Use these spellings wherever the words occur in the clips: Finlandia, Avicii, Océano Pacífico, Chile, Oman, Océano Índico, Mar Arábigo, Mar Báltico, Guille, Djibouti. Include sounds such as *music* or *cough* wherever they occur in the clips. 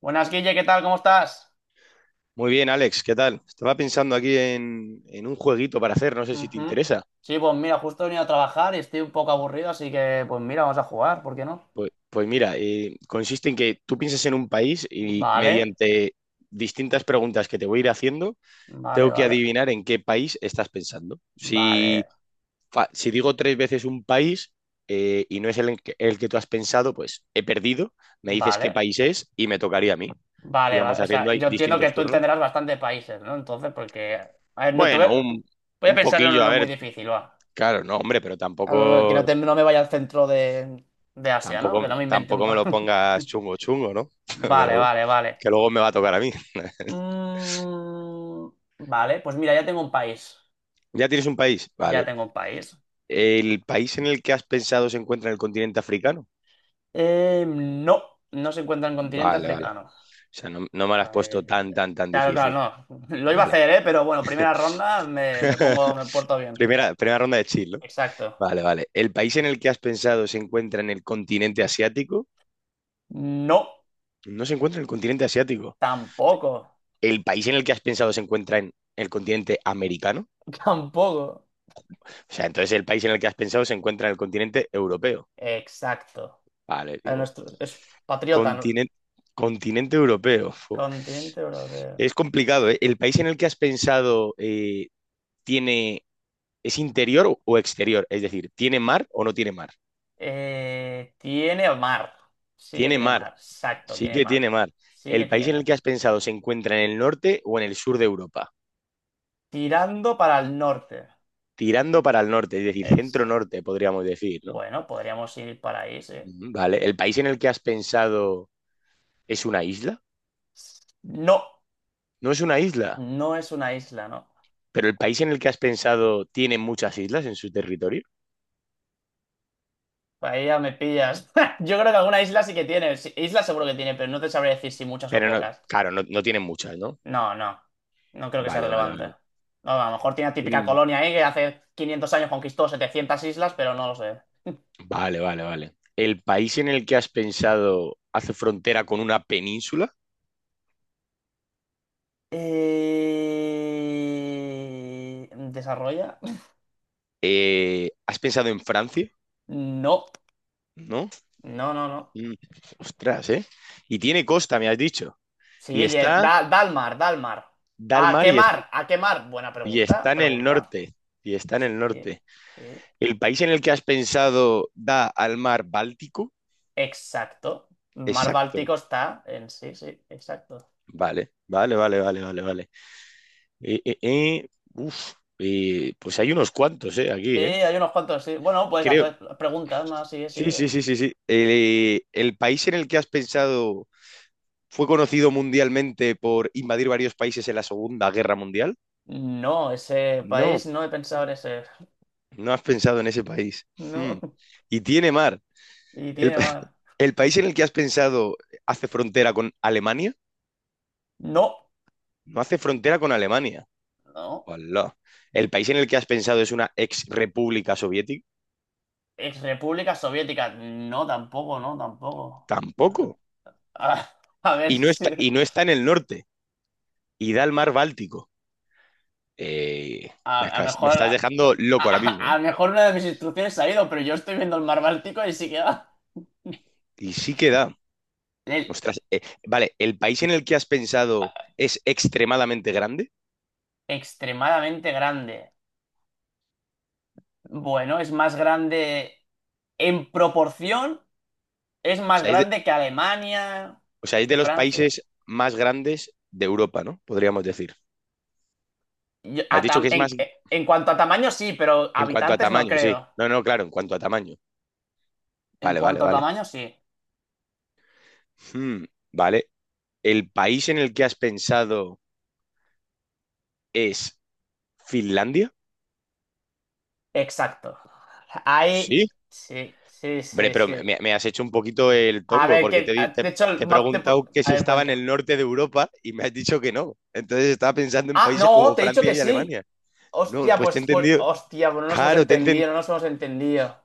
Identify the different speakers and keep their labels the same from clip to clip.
Speaker 1: Buenas, Guille, ¿qué tal? ¿Cómo estás?
Speaker 2: Muy bien, Alex, ¿qué tal? Estaba pensando aquí en un jueguito para hacer, no sé si te
Speaker 1: Ujú.
Speaker 2: interesa.
Speaker 1: Sí, pues mira, justo he venido a trabajar y estoy un poco aburrido, así que pues mira, vamos a jugar, ¿por qué no?
Speaker 2: Pues mira, consiste en que tú piensas en un país y
Speaker 1: Vale,
Speaker 2: mediante distintas preguntas que te voy a ir haciendo,
Speaker 1: vale,
Speaker 2: tengo que
Speaker 1: vale,
Speaker 2: adivinar en qué país estás pensando. Si,
Speaker 1: vale,
Speaker 2: fa- si digo tres veces un país y no es el que tú has pensado, pues he perdido, me dices qué
Speaker 1: vale,
Speaker 2: país es y me tocaría a mí. Y
Speaker 1: vale,
Speaker 2: vamos
Speaker 1: vale. O
Speaker 2: haciendo
Speaker 1: sea,
Speaker 2: ahí
Speaker 1: yo entiendo que
Speaker 2: distintos
Speaker 1: tú
Speaker 2: turnos.
Speaker 1: entenderás bastantes países, ¿no? Entonces, porque... A ver, no te voy...
Speaker 2: Bueno,
Speaker 1: a
Speaker 2: un,
Speaker 1: voy a
Speaker 2: un
Speaker 1: pensar en
Speaker 2: poquillo, a
Speaker 1: uno muy
Speaker 2: ver,
Speaker 1: difícil, va.
Speaker 2: claro, no, hombre, pero
Speaker 1: Que
Speaker 2: tampoco...
Speaker 1: no, no me vaya al centro de Asia, ¿no?
Speaker 2: Tampoco,
Speaker 1: Que no me invente
Speaker 2: me lo pongas chungo, chungo, ¿no? *laughs*
Speaker 1: *laughs*
Speaker 2: Pero
Speaker 1: Vale,
Speaker 2: bueno,
Speaker 1: vale, vale.
Speaker 2: que luego me va a tocar a mí. *laughs*
Speaker 1: Mm, Vale, pues mira, ya tengo un país.
Speaker 2: ¿Ya tienes un país?
Speaker 1: Ya
Speaker 2: Vale.
Speaker 1: tengo un país.
Speaker 2: ¿El país en el que has pensado se encuentra en el continente africano?
Speaker 1: No, no se encuentra en continente
Speaker 2: Vale, vale.
Speaker 1: africano.
Speaker 2: O sea, no, no me lo has puesto
Speaker 1: Eh,
Speaker 2: tan, tan, tan
Speaker 1: claro,
Speaker 2: difícil.
Speaker 1: claro, no. *laughs* Lo iba a
Speaker 2: Vale.
Speaker 1: hacer, ¿eh? Pero bueno, primera ronda me pongo, me porto bien.
Speaker 2: Primera ronda de chill, ¿no?
Speaker 1: Exacto.
Speaker 2: Vale, vale. ¿El país en el que has pensado se encuentra en el continente asiático?
Speaker 1: No,
Speaker 2: No se encuentra en el continente asiático.
Speaker 1: tampoco.
Speaker 2: ¿El país en el que has pensado se encuentra en el continente americano?
Speaker 1: *laughs* Tampoco.
Speaker 2: O sea, entonces el país en el que has pensado se encuentra en el continente europeo.
Speaker 1: Exacto.
Speaker 2: Vale,
Speaker 1: A
Speaker 2: digo,
Speaker 1: nuestro, es patriota, ¿no?
Speaker 2: Continente, continente europeo. Fu.
Speaker 1: Continente europeo.
Speaker 2: Es complicado, ¿eh? ¿El país en el que has pensado tiene, es interior o exterior? Es decir, ¿tiene mar o no tiene mar?
Speaker 1: Tiene mar. Sí que
Speaker 2: Tiene
Speaker 1: tiene
Speaker 2: mar,
Speaker 1: mar. Exacto,
Speaker 2: sí
Speaker 1: tiene
Speaker 2: que
Speaker 1: mar.
Speaker 2: tiene mar.
Speaker 1: Sí que
Speaker 2: ¿El país en el
Speaker 1: tiene.
Speaker 2: que has pensado se encuentra en el norte o en el sur de Europa?
Speaker 1: Tirando para el norte.
Speaker 2: Tirando para el norte, es decir,
Speaker 1: Ex.
Speaker 2: centro-norte, podríamos decir, ¿no?
Speaker 1: Bueno, podríamos ir para ahí, sí.
Speaker 2: Mm, vale, ¿el país en el que has pensado es una isla?
Speaker 1: No.
Speaker 2: No es una isla,
Speaker 1: No es una isla, ¿no?
Speaker 2: pero el país en el que has pensado tiene muchas islas en su territorio.
Speaker 1: Ahí ya me pillas. *laughs* Yo creo que alguna isla sí que tiene. Sí, isla seguro que tiene, pero no te sabré decir si muchas o
Speaker 2: Pero no,
Speaker 1: pocas.
Speaker 2: claro, no, no tiene muchas, ¿no?
Speaker 1: No, no. No creo que sea
Speaker 2: Vale, vale,
Speaker 1: relevante.
Speaker 2: vale.
Speaker 1: No, a lo mejor tiene la típica
Speaker 2: Mm,
Speaker 1: colonia ahí que hace 500 años conquistó 700 islas, pero no lo sé.
Speaker 2: vale, vale, vale. ¿El país en el que has pensado hace frontera con una península?
Speaker 1: ¿Desarrolla? *laughs*
Speaker 2: ¿Has pensado en Francia?
Speaker 1: No.
Speaker 2: ¿No?
Speaker 1: No, no, no.
Speaker 2: Mm, Ostras, ¿eh? Y tiene costa, me has dicho.
Speaker 1: Sí,
Speaker 2: Y
Speaker 1: da,
Speaker 2: está,
Speaker 1: da al mar, da al mar.
Speaker 2: Da al
Speaker 1: ¿A
Speaker 2: mar
Speaker 1: qué mar? ¿A qué mar? Buena
Speaker 2: y
Speaker 1: pregunta,
Speaker 2: está en el
Speaker 1: pregunta.
Speaker 2: norte. Y está en el
Speaker 1: Sí,
Speaker 2: norte.
Speaker 1: sí.
Speaker 2: ¿El país en el que has pensado da al mar Báltico?
Speaker 1: Exacto. Mar
Speaker 2: Exacto.
Speaker 1: Báltico está en sí, sí, exacto.
Speaker 2: Vale, vale, vale, vale, vale, vale. Eh, eh, eh, uf, pues hay unos cuantos, ¿eh? Aquí,
Speaker 1: Sí,
Speaker 2: ¿eh?
Speaker 1: hay unos cuantos, sí. Bueno, puedes
Speaker 2: Creo,
Speaker 1: hacer preguntas más, sí,
Speaker 2: Sí,
Speaker 1: sigue.
Speaker 2: sí, sí, sí, sí. El país en el que has pensado fue conocido mundialmente por invadir varios países en la Segunda Guerra Mundial.
Speaker 1: No, ese
Speaker 2: No,
Speaker 1: país no he pensado en ese.
Speaker 2: no has pensado en ese país. Hmm.
Speaker 1: No.
Speaker 2: Y tiene mar.
Speaker 1: Y
Speaker 2: El,
Speaker 1: tiene
Speaker 2: *laughs*
Speaker 1: más.
Speaker 2: el país en el que has pensado hace frontera con Alemania.
Speaker 1: No,
Speaker 2: No hace frontera con Alemania.
Speaker 1: no.
Speaker 2: Hola. El país en el que has pensado es una ex república soviética.
Speaker 1: Ex República Soviética. No, tampoco, no, tampoco.
Speaker 2: Tampoco.
Speaker 1: A, a ver
Speaker 2: Y no está,
Speaker 1: si.
Speaker 2: y no está en el norte. Y da al mar Báltico. Eh, me
Speaker 1: A lo
Speaker 2: acabas- me
Speaker 1: mejor.
Speaker 2: estás
Speaker 1: A,
Speaker 2: dejando loco ahora mismo.
Speaker 1: a lo mejor una de mis instrucciones ha ido, pero yo estoy viendo el mar Báltico y sí que va.
Speaker 2: Y sí que da.
Speaker 1: El-
Speaker 2: Ostras, vale, ¿el país en el que has pensado es extremadamente grande?
Speaker 1: extremadamente grande. Bueno, es más grande. En proporción es
Speaker 2: O
Speaker 1: más
Speaker 2: sea, es de,
Speaker 1: grande que Alemania,
Speaker 2: o sea, es
Speaker 1: que
Speaker 2: de los
Speaker 1: Francia.
Speaker 2: países más grandes de Europa, ¿no? Podríamos decir.
Speaker 1: Yo-
Speaker 2: Has
Speaker 1: a
Speaker 2: dicho
Speaker 1: tam-
Speaker 2: que es
Speaker 1: en,
Speaker 2: más
Speaker 1: en cuanto a tamaño sí, pero
Speaker 2: en cuanto a
Speaker 1: habitantes no
Speaker 2: tamaño, sí.
Speaker 1: creo.
Speaker 2: No, no, claro, en cuanto a tamaño.
Speaker 1: En
Speaker 2: Vale, vale,
Speaker 1: cuanto a
Speaker 2: vale.
Speaker 1: tamaño sí.
Speaker 2: Hmm, vale. ¿El país en el que has pensado es Finlandia?
Speaker 1: Exacto. Ahí
Speaker 2: Sí.
Speaker 1: sí, sí,
Speaker 2: Hombre,
Speaker 1: sí,
Speaker 2: pero
Speaker 1: sí.
Speaker 2: me has hecho un poquito el
Speaker 1: A
Speaker 2: tongo,
Speaker 1: ver,
Speaker 2: porque te,
Speaker 1: que
Speaker 2: di- te,
Speaker 1: de hecho el
Speaker 2: te he preguntado que si
Speaker 1: a ver,
Speaker 2: estaba en
Speaker 1: cuenta.
Speaker 2: el norte de Europa y me has dicho que no. Entonces estaba pensando en
Speaker 1: Ah,
Speaker 2: países
Speaker 1: no,
Speaker 2: como
Speaker 1: te he dicho
Speaker 2: Francia
Speaker 1: que
Speaker 2: y
Speaker 1: sí.
Speaker 2: Alemania. No,
Speaker 1: Hostia,
Speaker 2: pues te he
Speaker 1: pues, pues,
Speaker 2: entendido.
Speaker 1: hostia, pues no nos hemos
Speaker 2: Claro,
Speaker 1: entendido, no nos hemos entendido.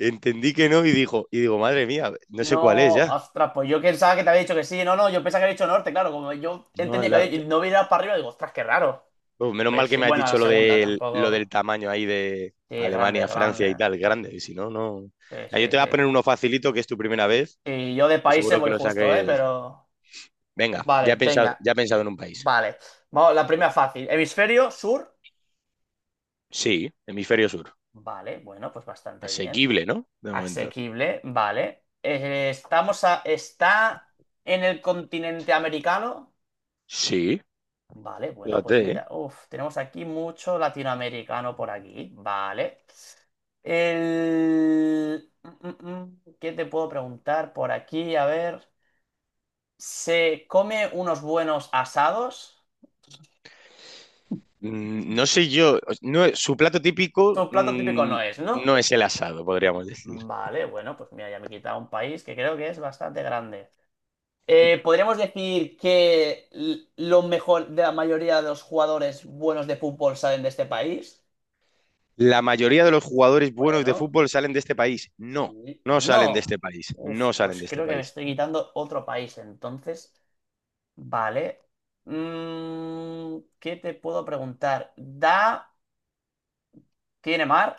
Speaker 2: entendí que no y digo, madre mía, no sé cuál es
Speaker 1: No,
Speaker 2: ya.
Speaker 1: ostras, pues yo pensaba que te había dicho que sí. No, no, yo pensaba que había dicho norte, claro. Como yo
Speaker 2: No,
Speaker 1: entendía que no hubiera ido para arriba, digo, ostras, qué raro.
Speaker 2: pues menos mal
Speaker 1: Pues
Speaker 2: que
Speaker 1: sí,
Speaker 2: me has
Speaker 1: bueno, la
Speaker 2: dicho lo
Speaker 1: segunda
Speaker 2: del, lo del
Speaker 1: tampoco.
Speaker 2: tamaño ahí de
Speaker 1: Sí, grande,
Speaker 2: Alemania, Francia
Speaker 1: grande.
Speaker 2: y tal, grande, y si no, no.
Speaker 1: Sí,
Speaker 2: Ah,
Speaker 1: sí,
Speaker 2: yo te
Speaker 1: sí.
Speaker 2: voy a poner uno facilito, que es tu primera vez,
Speaker 1: Y yo de
Speaker 2: que
Speaker 1: países
Speaker 2: seguro que
Speaker 1: voy
Speaker 2: lo
Speaker 1: justo, ¿eh?
Speaker 2: saques.
Speaker 1: Pero.
Speaker 2: Venga,
Speaker 1: Vale,
Speaker 2: ya he pensado,
Speaker 1: venga.
Speaker 2: ya he pensado en un país.
Speaker 1: Vale. Vamos, la primera fácil. Hemisferio sur.
Speaker 2: Sí, hemisferio sur.
Speaker 1: Vale, bueno, pues bastante bien.
Speaker 2: Asequible, ¿no? De momento.
Speaker 1: Asequible, vale. Estamos a... ¿Está en el continente americano?
Speaker 2: Sí,
Speaker 1: Vale, bueno, pues
Speaker 2: fíjate, ¿eh?
Speaker 1: mira, uf, tenemos aquí mucho latinoamericano por aquí, ¿vale? El... ¿qué te puedo preguntar por aquí? A ver, ¿se come unos buenos asados?
Speaker 2: No sé yo, no, su plato
Speaker 1: Tu
Speaker 2: típico
Speaker 1: plato típico no es, ¿no?
Speaker 2: no es el asado, podríamos decir.
Speaker 1: Vale, bueno, pues mira, ya me he quitado un país que creo que es bastante grande. ¿Podríamos decir que lo mejor de la mayoría de los jugadores buenos de fútbol salen de este país?
Speaker 2: La mayoría de los jugadores buenos de
Speaker 1: Bueno.
Speaker 2: fútbol salen de este país. No,
Speaker 1: Sí.
Speaker 2: no salen de
Speaker 1: No.
Speaker 2: este país.
Speaker 1: Uf,
Speaker 2: No salen
Speaker 1: pues
Speaker 2: de este
Speaker 1: creo que me
Speaker 2: país.
Speaker 1: estoy quitando otro país entonces. Vale. ¿Qué te puedo preguntar? ¿Da... ¿Tiene mar?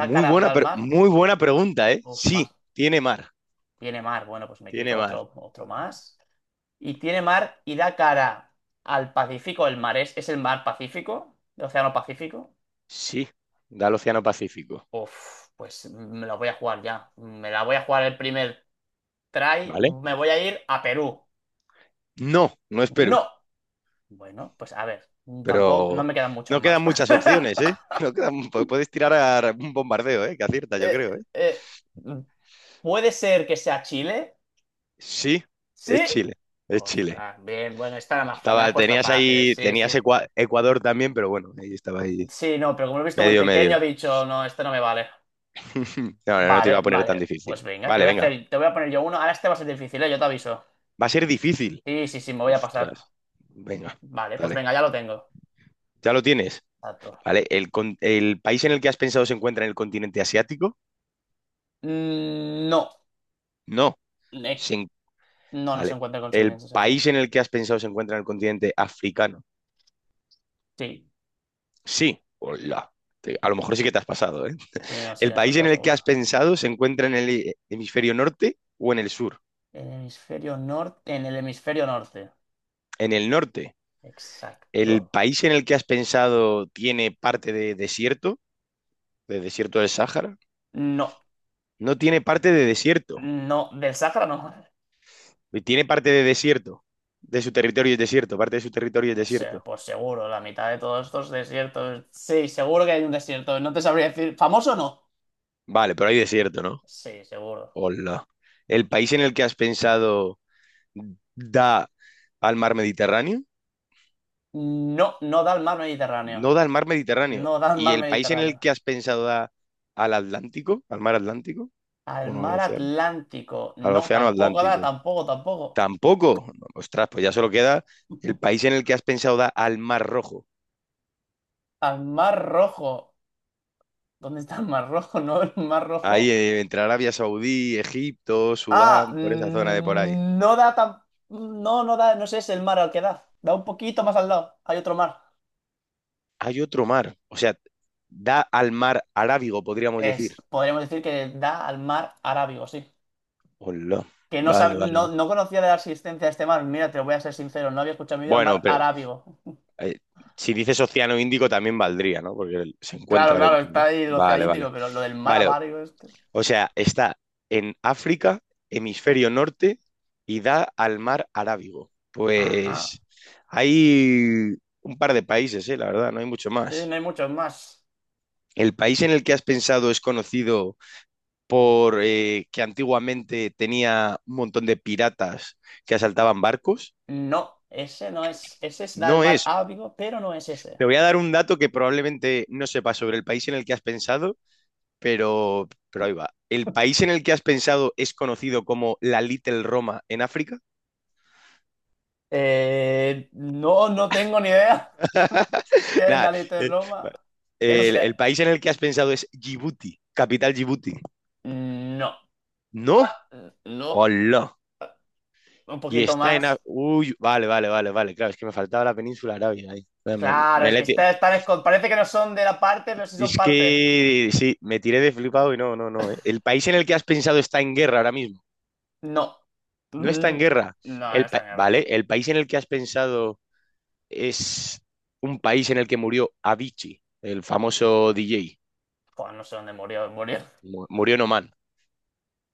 Speaker 1: ¿Da cara da
Speaker 2: buena,
Speaker 1: al
Speaker 2: pre-
Speaker 1: mar?
Speaker 2: muy buena pregunta, ¿eh?
Speaker 1: Uf,
Speaker 2: Sí,
Speaker 1: más.
Speaker 2: tiene mar.
Speaker 1: Tiene mar. Bueno, pues me quito
Speaker 2: Tiene mar.
Speaker 1: otro, otro más. Y tiene mar y da cara al Pacífico. ¿El mar es el mar Pacífico? ¿El Océano Pacífico?
Speaker 2: Sí, da al Océano Pacífico.
Speaker 1: Uf, pues me la voy a jugar ya. Me la voy a jugar el primer try.
Speaker 2: ¿Vale?
Speaker 1: Me voy a ir a Perú.
Speaker 2: No, no es Perú.
Speaker 1: ¡No! Bueno, pues a ver, tampoco, no
Speaker 2: Pero
Speaker 1: me quedan muchos
Speaker 2: no
Speaker 1: más.
Speaker 2: quedan muchas opciones, ¿eh?
Speaker 1: *laughs*
Speaker 2: *laughs* No quedan, pu- puedes tirar a un bombardeo, ¿eh? Que acierta, yo
Speaker 1: Eh,
Speaker 2: creo, ¿eh?
Speaker 1: eh, ¿puede ser que sea Chile?
Speaker 2: Sí, es
Speaker 1: ¿Sí?
Speaker 2: Chile. Es Chile.
Speaker 1: Ostras, bien, bueno, esta era más fácil, me la has
Speaker 2: Estaba,
Speaker 1: puesto
Speaker 2: tenías
Speaker 1: fácil,
Speaker 2: ahí,
Speaker 1: sí, sí.
Speaker 2: tenías Ecua- Ecuador también, pero bueno, ahí estaba ahí.
Speaker 1: Sí, no, pero como lo he visto muy
Speaker 2: Medio,
Speaker 1: pequeño,
Speaker 2: medio.
Speaker 1: he dicho, no, este no me vale.
Speaker 2: *laughs* No, no, no te lo
Speaker 1: Vale,
Speaker 2: voy a poner tan
Speaker 1: vale,
Speaker 2: difícil.
Speaker 1: pues venga, te
Speaker 2: Vale,
Speaker 1: voy a
Speaker 2: venga.
Speaker 1: hacer, te voy a poner yo uno, ahora este va a ser difícil, ¿eh? Yo te aviso.
Speaker 2: Va a ser difícil.
Speaker 1: Sí, sí, sí, me voy a
Speaker 2: Ostras.
Speaker 1: pasar.
Speaker 2: Venga,
Speaker 1: Vale, pues
Speaker 2: dale.
Speaker 1: venga, ya lo tengo.
Speaker 2: Ya lo tienes.
Speaker 1: Exacto.
Speaker 2: Vale. ¿El país en el que has pensado se encuentra en el continente asiático?
Speaker 1: No.
Speaker 2: No.
Speaker 1: Eh,
Speaker 2: Se en-
Speaker 1: no, no se
Speaker 2: Vale.
Speaker 1: encuentra con
Speaker 2: ¿El
Speaker 1: sirvientes, exacto.
Speaker 2: país en el que has pensado se encuentra en el continente africano?
Speaker 1: Sí,
Speaker 2: Sí. Hola.
Speaker 1: sí,
Speaker 2: A lo mejor sí que te has pasado, ¿eh?
Speaker 1: sí, no, sí,
Speaker 2: ¿El
Speaker 1: me
Speaker 2: país en
Speaker 1: pasa
Speaker 2: el que
Speaker 1: seguro.
Speaker 2: has pensado se encuentra en el hemisferio norte o en el sur?
Speaker 1: El hemisferio norte, en el hemisferio norte.
Speaker 2: En el norte. ¿El
Speaker 1: Exacto.
Speaker 2: país en el que has pensado tiene parte de desierto? ¿De desierto del Sáhara?
Speaker 1: No,
Speaker 2: No tiene parte de desierto.
Speaker 1: no, del Sahara no.
Speaker 2: Tiene parte de desierto. De su territorio es desierto. Parte de su territorio es
Speaker 1: Pues,
Speaker 2: desierto.
Speaker 1: pues seguro, la mitad de todos estos desiertos. Sí, seguro que hay un desierto. No te sabría decir. ¿Famoso o no?
Speaker 2: Vale, pero hay desierto, ¿no?
Speaker 1: Sí, seguro.
Speaker 2: Hola. ¿El país en el que has pensado da al mar Mediterráneo?
Speaker 1: No, no da al mar Mediterráneo.
Speaker 2: No da al mar Mediterráneo.
Speaker 1: No da al
Speaker 2: ¿Y
Speaker 1: mar
Speaker 2: el país en el
Speaker 1: Mediterráneo.
Speaker 2: que has pensado da al Atlántico? ¿Al mar Atlántico?
Speaker 1: Al
Speaker 2: Bueno, al
Speaker 1: mar
Speaker 2: océano.
Speaker 1: Atlántico.
Speaker 2: Al
Speaker 1: No,
Speaker 2: océano
Speaker 1: tampoco da,
Speaker 2: Atlántico.
Speaker 1: tampoco, tampoco.
Speaker 2: Tampoco. Ostras, pues ya solo queda el país en el que has pensado da al mar Rojo.
Speaker 1: Al mar Rojo. ¿Dónde está el mar Rojo? *laughs* No, el mar
Speaker 2: Ahí
Speaker 1: Rojo.
Speaker 2: entre Arabia Saudí, Egipto,
Speaker 1: Ah,
Speaker 2: Sudán, por esa zona de por ahí.
Speaker 1: no da tan... No, no da, no sé, es el mar al que da. Da un poquito más al lado. Hay otro mar.
Speaker 2: Hay otro mar. O sea, da al mar Arábigo, podríamos
Speaker 1: Es,
Speaker 2: decir.
Speaker 1: podríamos decir que da al mar Arábigo, sí.
Speaker 2: Hola.
Speaker 1: Que no,
Speaker 2: Vale, vale.
Speaker 1: no, no conocía de la existencia de este mar. Mira, te voy a ser sincero, no había escuchado en mi vida
Speaker 2: Bueno,
Speaker 1: mar
Speaker 2: pero
Speaker 1: Arábigo. *laughs*
Speaker 2: eh, si dices Océano Índico también valdría, ¿no? Porque se
Speaker 1: Claro,
Speaker 2: encuentra
Speaker 1: claro,
Speaker 2: dentro,
Speaker 1: está
Speaker 2: ¿no?
Speaker 1: ahí el Océano
Speaker 2: Vale, vale.
Speaker 1: Índico, pero lo del mar
Speaker 2: Vale.
Speaker 1: Arábigo, esto.
Speaker 2: O sea, está en África, hemisferio norte, y da al mar Arábigo.
Speaker 1: Ajá.
Speaker 2: Pues hay un par de países, la verdad, no hay mucho
Speaker 1: Sí, no
Speaker 2: más.
Speaker 1: hay muchos más.
Speaker 2: ¿El país en el que has pensado es conocido por que antiguamente tenía un montón de piratas que asaltaban barcos?
Speaker 1: No, ese no es. Ese es da al
Speaker 2: No
Speaker 1: mar
Speaker 2: es.
Speaker 1: Arábigo, pero no es ese.
Speaker 2: Te voy a dar un dato que probablemente no sepas sobre el país en el que has pensado, pero ahí va. ¿El país en el que has pensado es conocido como la Little Roma en África?
Speaker 1: No, no tengo ni idea. *laughs*
Speaker 2: *laughs*
Speaker 1: ¿Qué es
Speaker 2: Nada.
Speaker 1: la leche de
Speaker 2: eh,
Speaker 1: Roma? Eso es...
Speaker 2: El, el país en el que has pensado es Djibouti, capital Djibouti.
Speaker 1: no.
Speaker 2: No.
Speaker 1: Ah, no.
Speaker 2: Hola.
Speaker 1: Un poquito más.
Speaker 2: Uy, vale, vale, vale, vale. Claro, es que me faltaba la península arábiga ahí. Me-
Speaker 1: Claro,
Speaker 2: me
Speaker 1: es
Speaker 2: la he
Speaker 1: que
Speaker 2: ti-
Speaker 1: están... parece que no son de la parte, pero sí son
Speaker 2: Es
Speaker 1: parte.
Speaker 2: que sí, me tiré de flipado y no, no, no. El país en el que has pensado está en guerra ahora mismo.
Speaker 1: No.
Speaker 2: No está
Speaker 1: Mm,
Speaker 2: en
Speaker 1: no,
Speaker 2: guerra.
Speaker 1: no está en
Speaker 2: Vale,
Speaker 1: guerra.
Speaker 2: el país en el que has pensado es un país en el que murió Avicii, el famoso DJ.
Speaker 1: Joder, no sé dónde murió. Murió.
Speaker 2: Murió en Oman.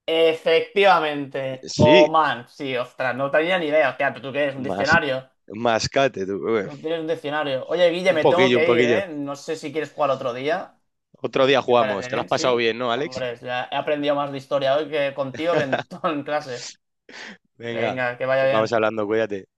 Speaker 1: Efectivamente.
Speaker 2: Sí,
Speaker 1: Oman. Sí, ostras, no tenía ni idea. Hostia, ¿pero tú qué eres? ¿Un
Speaker 2: más,
Speaker 1: diccionario?
Speaker 2: mascate tú.
Speaker 1: Tú tienes un diccionario. Oye, Guille,
Speaker 2: Un
Speaker 1: me tengo
Speaker 2: poquillo, un
Speaker 1: que ir,
Speaker 2: poquillo.
Speaker 1: ¿eh? No sé si quieres jugar otro día.
Speaker 2: Otro día
Speaker 1: Me
Speaker 2: jugamos.
Speaker 1: parece
Speaker 2: Te lo has
Speaker 1: bien,
Speaker 2: pasado
Speaker 1: sí.
Speaker 2: bien, ¿no, Alex?
Speaker 1: Hombre, ya he aprendido más de historia hoy que contigo que en, *laughs* todo en clase.
Speaker 2: Venga,
Speaker 1: Venga, que vaya
Speaker 2: vamos
Speaker 1: bien.
Speaker 2: hablando, cuídate.